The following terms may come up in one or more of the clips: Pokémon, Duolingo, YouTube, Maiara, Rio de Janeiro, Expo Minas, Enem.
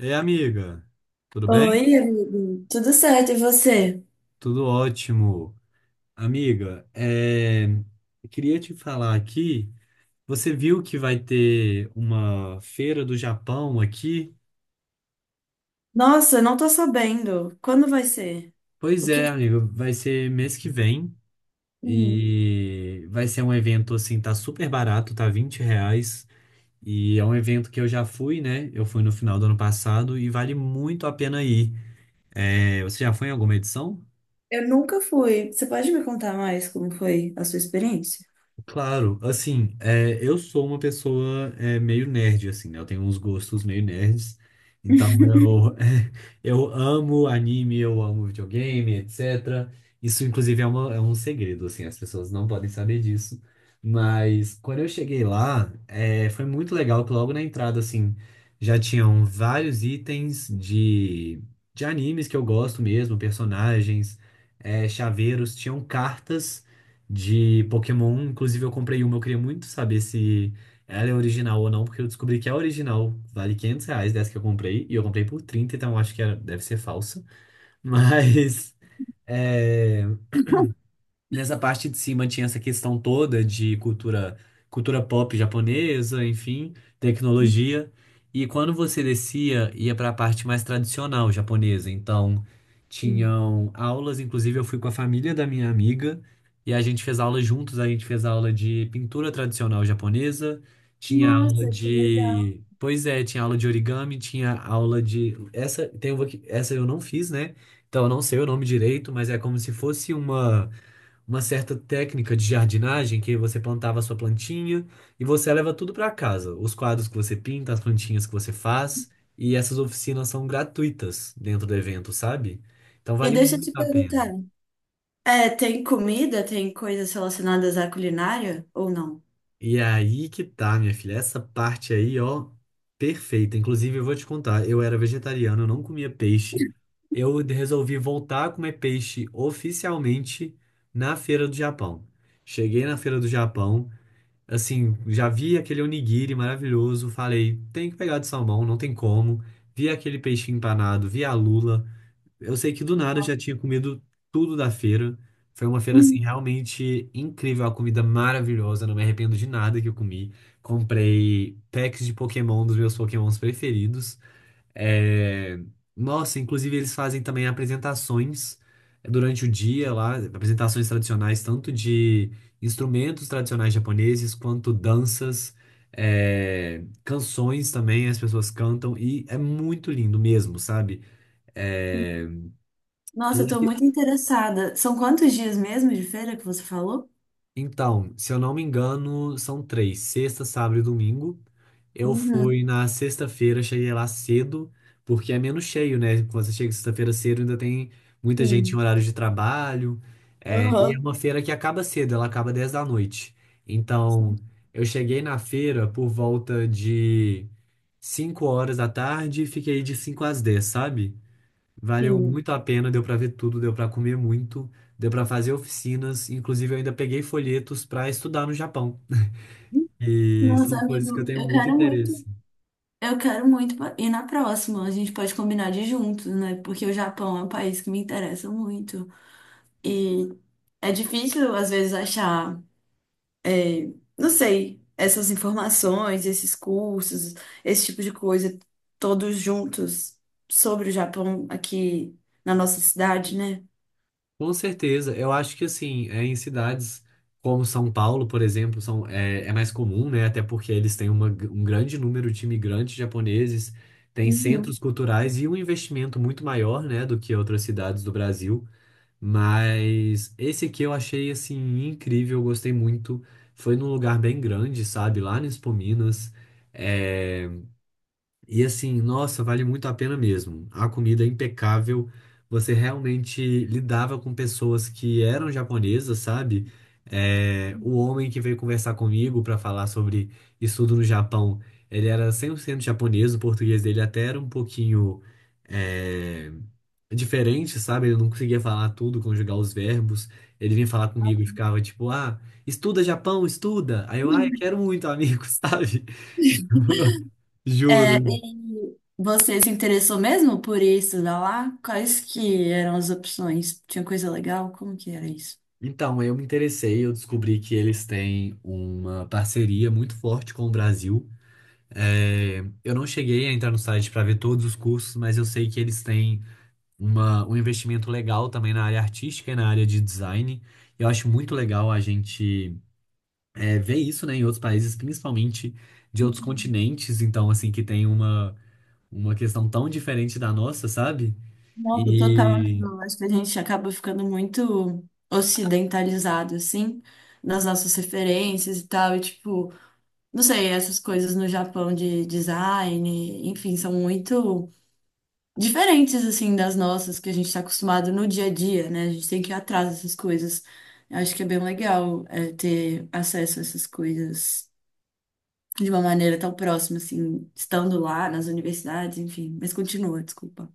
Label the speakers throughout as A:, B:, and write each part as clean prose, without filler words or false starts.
A: Ei, amiga, tudo bem?
B: Oi, amigo. Tudo certo, e você?
A: Tudo ótimo. Amiga, eu queria te falar aqui. Você viu que vai ter uma feira do Japão aqui?
B: Nossa, não tô sabendo. Quando vai ser?
A: Pois
B: O que...
A: é,
B: que-
A: amiga, vai ser mês que vem
B: Hum,
A: e vai ser um evento assim, tá super barato, tá R$ 20. E é um evento que eu já fui, né? Eu fui no final do ano passado e vale muito a pena ir. Você já foi em alguma edição?
B: Eu nunca fui. Você pode me contar mais como foi a sua experiência?
A: Claro, assim, eu sou uma pessoa meio nerd, assim, né? Eu tenho uns gostos meio nerds. Então eu, eu amo anime, eu amo videogame, etc. Isso, inclusive, é um segredo, assim, as pessoas não podem saber disso. Mas quando eu cheguei lá, foi muito legal que logo na entrada, assim, já tinham vários itens de animes que eu gosto mesmo, personagens, chaveiros, tinham cartas de Pokémon. Inclusive, eu comprei uma, eu queria muito saber se ela é original ou não, porque eu descobri que é original. Vale R$ 500 dessa que eu comprei, e eu comprei por 30, então eu acho que deve ser falsa. Mas. é, Nessa parte de cima tinha essa questão toda de cultura, cultura pop japonesa, enfim, tecnologia. E quando você descia, ia para a parte mais tradicional japonesa. Então,
B: Hum.
A: tinham aulas, inclusive eu fui com a família da minha amiga e a gente fez aula juntos, a gente fez aula de pintura tradicional japonesa, tinha aula
B: Nossa, que legal.
A: de, pois é, tinha aula de origami, tinha aula de essa, tem uma que essa eu não fiz, né? Então, eu não sei o nome direito, mas é como se fosse uma certa técnica de jardinagem que você plantava a sua plantinha e você leva tudo para casa. Os quadros que você pinta, as plantinhas que você faz, e essas oficinas são gratuitas dentro do evento, sabe? Então
B: E
A: vale
B: deixa eu
A: muito
B: te
A: a pena.
B: perguntar. É, tem comida? Tem coisas relacionadas à culinária ou não?
A: E é aí que tá, minha filha, essa parte aí, ó, perfeita. Inclusive, eu vou te contar, eu era vegetariano, eu não comia peixe. Eu resolvi voltar a comer peixe oficialmente na Feira do Japão. Cheguei na Feira do Japão, assim, já vi aquele onigiri maravilhoso, falei, tem que pegar de salmão, não tem como. Vi aquele peixinho empanado, vi a lula. Eu sei que do nada eu já tinha comido tudo da feira. Foi uma feira, assim,
B: Hum.
A: realmente incrível, a comida maravilhosa, não me arrependo de nada que eu comi. Comprei packs de Pokémon dos meus Pokémons preferidos. É, Nossa, inclusive eles fazem também apresentações durante o dia lá, apresentações tradicionais, tanto de instrumentos tradicionais japoneses, quanto danças, canções também, as pessoas cantam, e é muito lindo mesmo, sabe? É,
B: Nossa, eu tô muito interessada. São quantos dias mesmo de feira que você falou?
A: Então, se eu não me engano, são três, sexta, sábado e domingo. Eu
B: Uhum.
A: fui na sexta-feira, cheguei lá cedo, porque é menos cheio, né? Quando você chega sexta-feira cedo, ainda tem muita gente em
B: Sim.
A: horário de trabalho. E é
B: Aham.
A: uma feira que acaba cedo, ela acaba 10 da noite. Então, eu cheguei na feira por volta de 5 horas da tarde e fiquei de 5 às 10, sabe? Valeu
B: Sim.
A: muito a pena, deu para ver tudo, deu para comer muito, deu para fazer oficinas, inclusive eu ainda peguei folhetos para estudar no Japão. E
B: Nossa,
A: são coisas que eu
B: amigo,
A: tenho
B: eu
A: muito
B: quero
A: interesse.
B: muito. Ir na próxima. A gente pode combinar de ir juntos, né? Porque o Japão é um país que me interessa muito. E é difícil, às vezes, achar, é, não sei, essas informações, esses cursos, esse tipo de coisa, todos juntos sobre o Japão aqui na nossa cidade, né?
A: Com certeza, eu acho que assim, é em cidades como São Paulo, por exemplo, é mais comum, né? Até porque eles têm um grande número de imigrantes japoneses, tem
B: Uhum.
A: centros culturais e um investimento muito maior, né, do que outras cidades do Brasil. Mas esse aqui eu achei assim incrível, eu gostei muito. Foi num lugar bem grande, sabe? Lá no Expo Minas. É, e assim, nossa, vale muito a pena mesmo. A comida é impecável. Você realmente lidava com pessoas que eram japonesas, sabe? O homem que veio conversar comigo para falar sobre estudo no Japão, ele era 100% japonês, o português dele até era um pouquinho é, diferente, sabe? Ele não conseguia falar tudo, conjugar os verbos. Ele vinha falar comigo e ficava tipo, ah, estuda Japão, estuda. Aí eu, ah, eu quero muito, amigo, sabe?
B: É,
A: Juro.
B: e você se interessou mesmo por isso, da lá? Quais que eram as opções? Tinha coisa legal? Como que era isso?
A: Então, eu me interessei, eu descobri que eles têm uma parceria muito forte com o Brasil. É, eu não cheguei a entrar no site para ver todos os cursos, mas eu sei que eles têm um investimento legal também na área artística e na área de design. Eu acho muito legal a gente ver isso, né, em outros países, principalmente de outros continentes, então, assim, que tem uma questão tão diferente da nossa, sabe?
B: Nossa, total, amigo.
A: E
B: Eu acho que a gente acaba ficando muito ocidentalizado, assim, nas nossas referências e tal. E, tipo, não sei, essas coisas no Japão de design, enfim, são muito diferentes, assim, das nossas que a gente está acostumado no dia a dia, né? A gente tem que ir atrás dessas coisas. Eu acho que é bem legal, é, ter acesso a essas coisas de uma maneira tão próxima, assim, estando lá nas universidades, enfim. Mas continua, desculpa.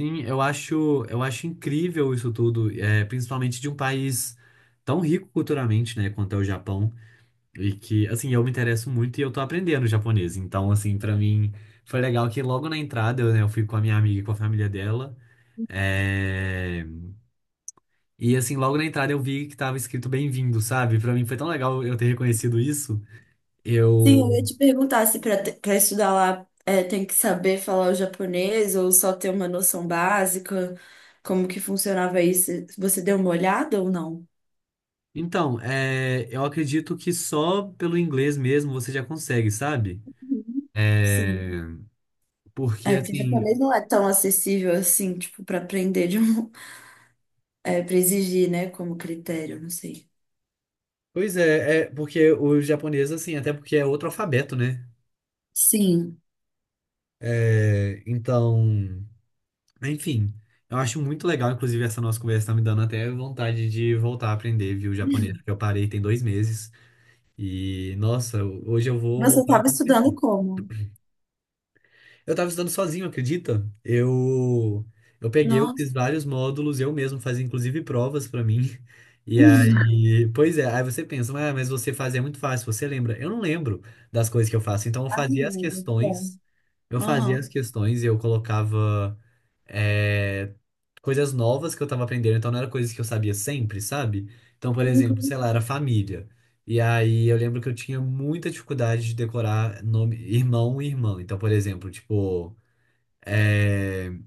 A: sim, eu acho incrível isso tudo, é, principalmente de um país tão rico culturalmente, né, quanto é o Japão, e que, assim, eu me interesso muito e eu tô aprendendo japonês, então, assim, pra mim foi legal que logo na entrada, eu, né, eu fui com a minha amiga e com a família dela, é, e, assim, logo na entrada eu vi que tava escrito bem-vindo, sabe? Pra mim foi tão legal eu ter reconhecido isso,
B: Sim, eu
A: eu...
B: ia te perguntar se para estudar lá é, tem que saber falar o japonês ou só ter uma noção básica, como que funcionava isso? Você deu uma olhada ou não?
A: Então, eu acredito que só pelo inglês mesmo você já consegue, sabe?
B: Uhum.
A: É...
B: Sim.
A: Porque,
B: É, porque
A: assim,
B: japonês não é tão acessível assim, tipo, para aprender de um, é, para exigir, né, como critério, não sei.
A: pois é, é porque o japonês assim, até porque é outro alfabeto, né?
B: Sim.
A: Então, enfim, eu acho muito legal, inclusive, essa nossa conversa tá me dando até vontade de voltar a aprender, viu, japonês, porque eu parei tem 2 meses. E, nossa, hoje eu vou
B: Você
A: voltar.
B: estava estudando como?
A: Eu tava estudando sozinho, acredita? Eu peguei, eu
B: Nossa.
A: fiz vários módulos, eu mesmo fazia inclusive provas pra mim. E aí, pois é, aí você pensa, ah, mas você faz é muito fácil, você lembra? Eu não lembro das coisas que eu faço, então eu
B: Ah,
A: fazia as
B: meu Deus, bom.
A: questões,
B: Aham.
A: e eu colocava é, coisas novas que eu tava aprendendo, então não era coisas que eu sabia sempre, sabe? Então, por exemplo, sei lá, era família. E aí eu lembro que eu tinha muita dificuldade de decorar nome, irmão e irmã. Então, por exemplo, é,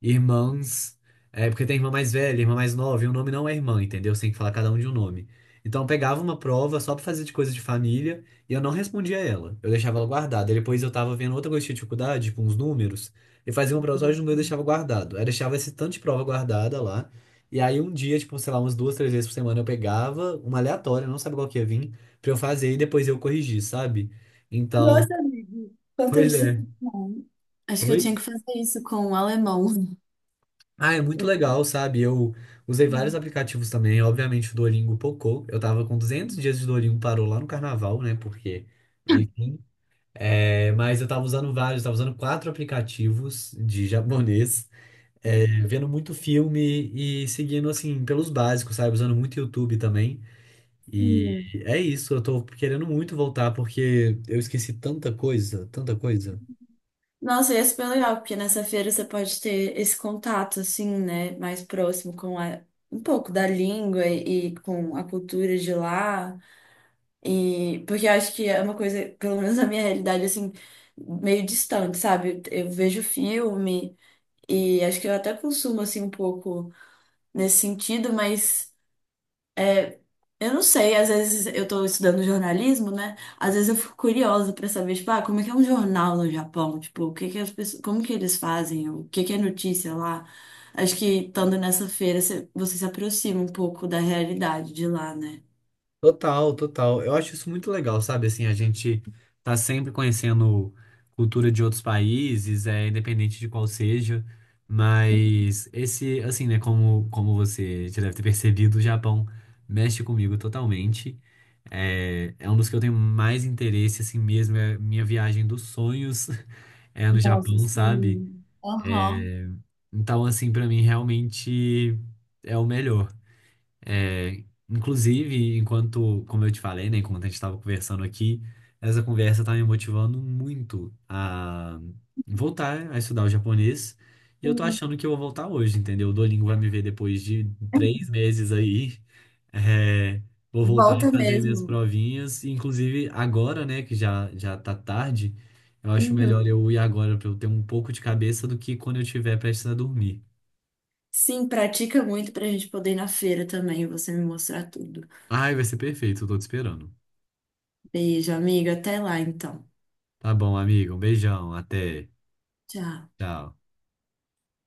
A: irmãs. É porque tem irmã mais velha, irmã mais nova, e o nome não é irmã, entendeu? Você tem que falar cada um de um nome. Então eu pegava uma prova só pra fazer de coisa de família e eu não respondia ela. Eu deixava ela guardada. E depois eu tava vendo outra coisa de dificuldade, com uns números, e fazia uma prova só de número e deixava guardado. Aí eu deixava esse tanto de prova guardada lá. E aí um dia, tipo, sei lá, umas duas, três vezes por semana eu pegava uma aleatória, não sabe qual que ia vir, pra eu fazer e depois eu corrigir, sabe? Então,
B: Nossa, amigo, quanto
A: pois é.
B: disciplina. Acho que eu tinha
A: Oi?
B: que fazer isso com o alemão.
A: Ah, é muito legal, sabe? Eu usei vários aplicativos também. Obviamente, o Duolingo pocou. Eu tava com 200 dias de Duolingo, parou lá no carnaval, né? Porque, enfim. Mas eu tava usando vários, tava usando quatro aplicativos de japonês, vendo muito filme e seguindo, assim, pelos básicos, sabe? Usando muito YouTube também. E
B: Sim.
A: é isso, eu tô querendo muito voltar porque eu esqueci tanta coisa, tanta coisa.
B: Nossa, ia ser bem legal, porque nessa feira você pode ter esse contato, assim, né, mais próximo com a, um pouco da língua e com a cultura de lá. E porque eu acho que é uma coisa, pelo menos na minha realidade, assim, meio distante, sabe? Eu vejo filme e acho que eu até consumo, assim, um pouco nesse sentido, mas. Eu não sei, às vezes eu tô estudando jornalismo, né? Às vezes eu fico curiosa pra saber, tipo, ah, como é que é um jornal no Japão? Tipo, o que que as pessoas, como que eles fazem? O que que é notícia lá? Acho que estando nessa feira, você se aproxima um pouco da realidade de lá, né?
A: Total, total. Eu acho isso muito legal, sabe? Assim, a gente tá sempre conhecendo cultura de outros países, é independente de qual seja, mas esse, assim, né, como você já deve ter percebido, o Japão mexe comigo totalmente. Um dos que eu tenho mais interesse, assim mesmo, é minha viagem dos sonhos é no
B: Nossa,
A: Japão, sabe?
B: sim. Aham.
A: É, então, assim, pra mim realmente é o melhor. É, inclusive, enquanto, como eu te falei, né, enquanto a gente estava conversando aqui, essa conversa está me motivando muito a voltar a estudar o japonês. E eu tô
B: Sim.
A: achando que eu vou voltar hoje, entendeu? O Duolingo vai me ver depois de 3 meses aí. É, vou voltar a
B: Volta
A: fazer minhas
B: mesmo.
A: provinhas. E, inclusive, agora, né, que já, já tá tarde, eu acho melhor
B: Uhum.
A: eu ir agora para eu ter um pouco de cabeça do que quando eu estiver prestes a dormir.
B: Sim, pratica muito pra gente poder ir na feira também e você me mostrar tudo.
A: Ai, vai ser perfeito, eu tô te esperando.
B: Beijo, amiga. Até lá, então.
A: Tá bom, amigo. Um beijão. Até.
B: Tchau.
A: Tchau.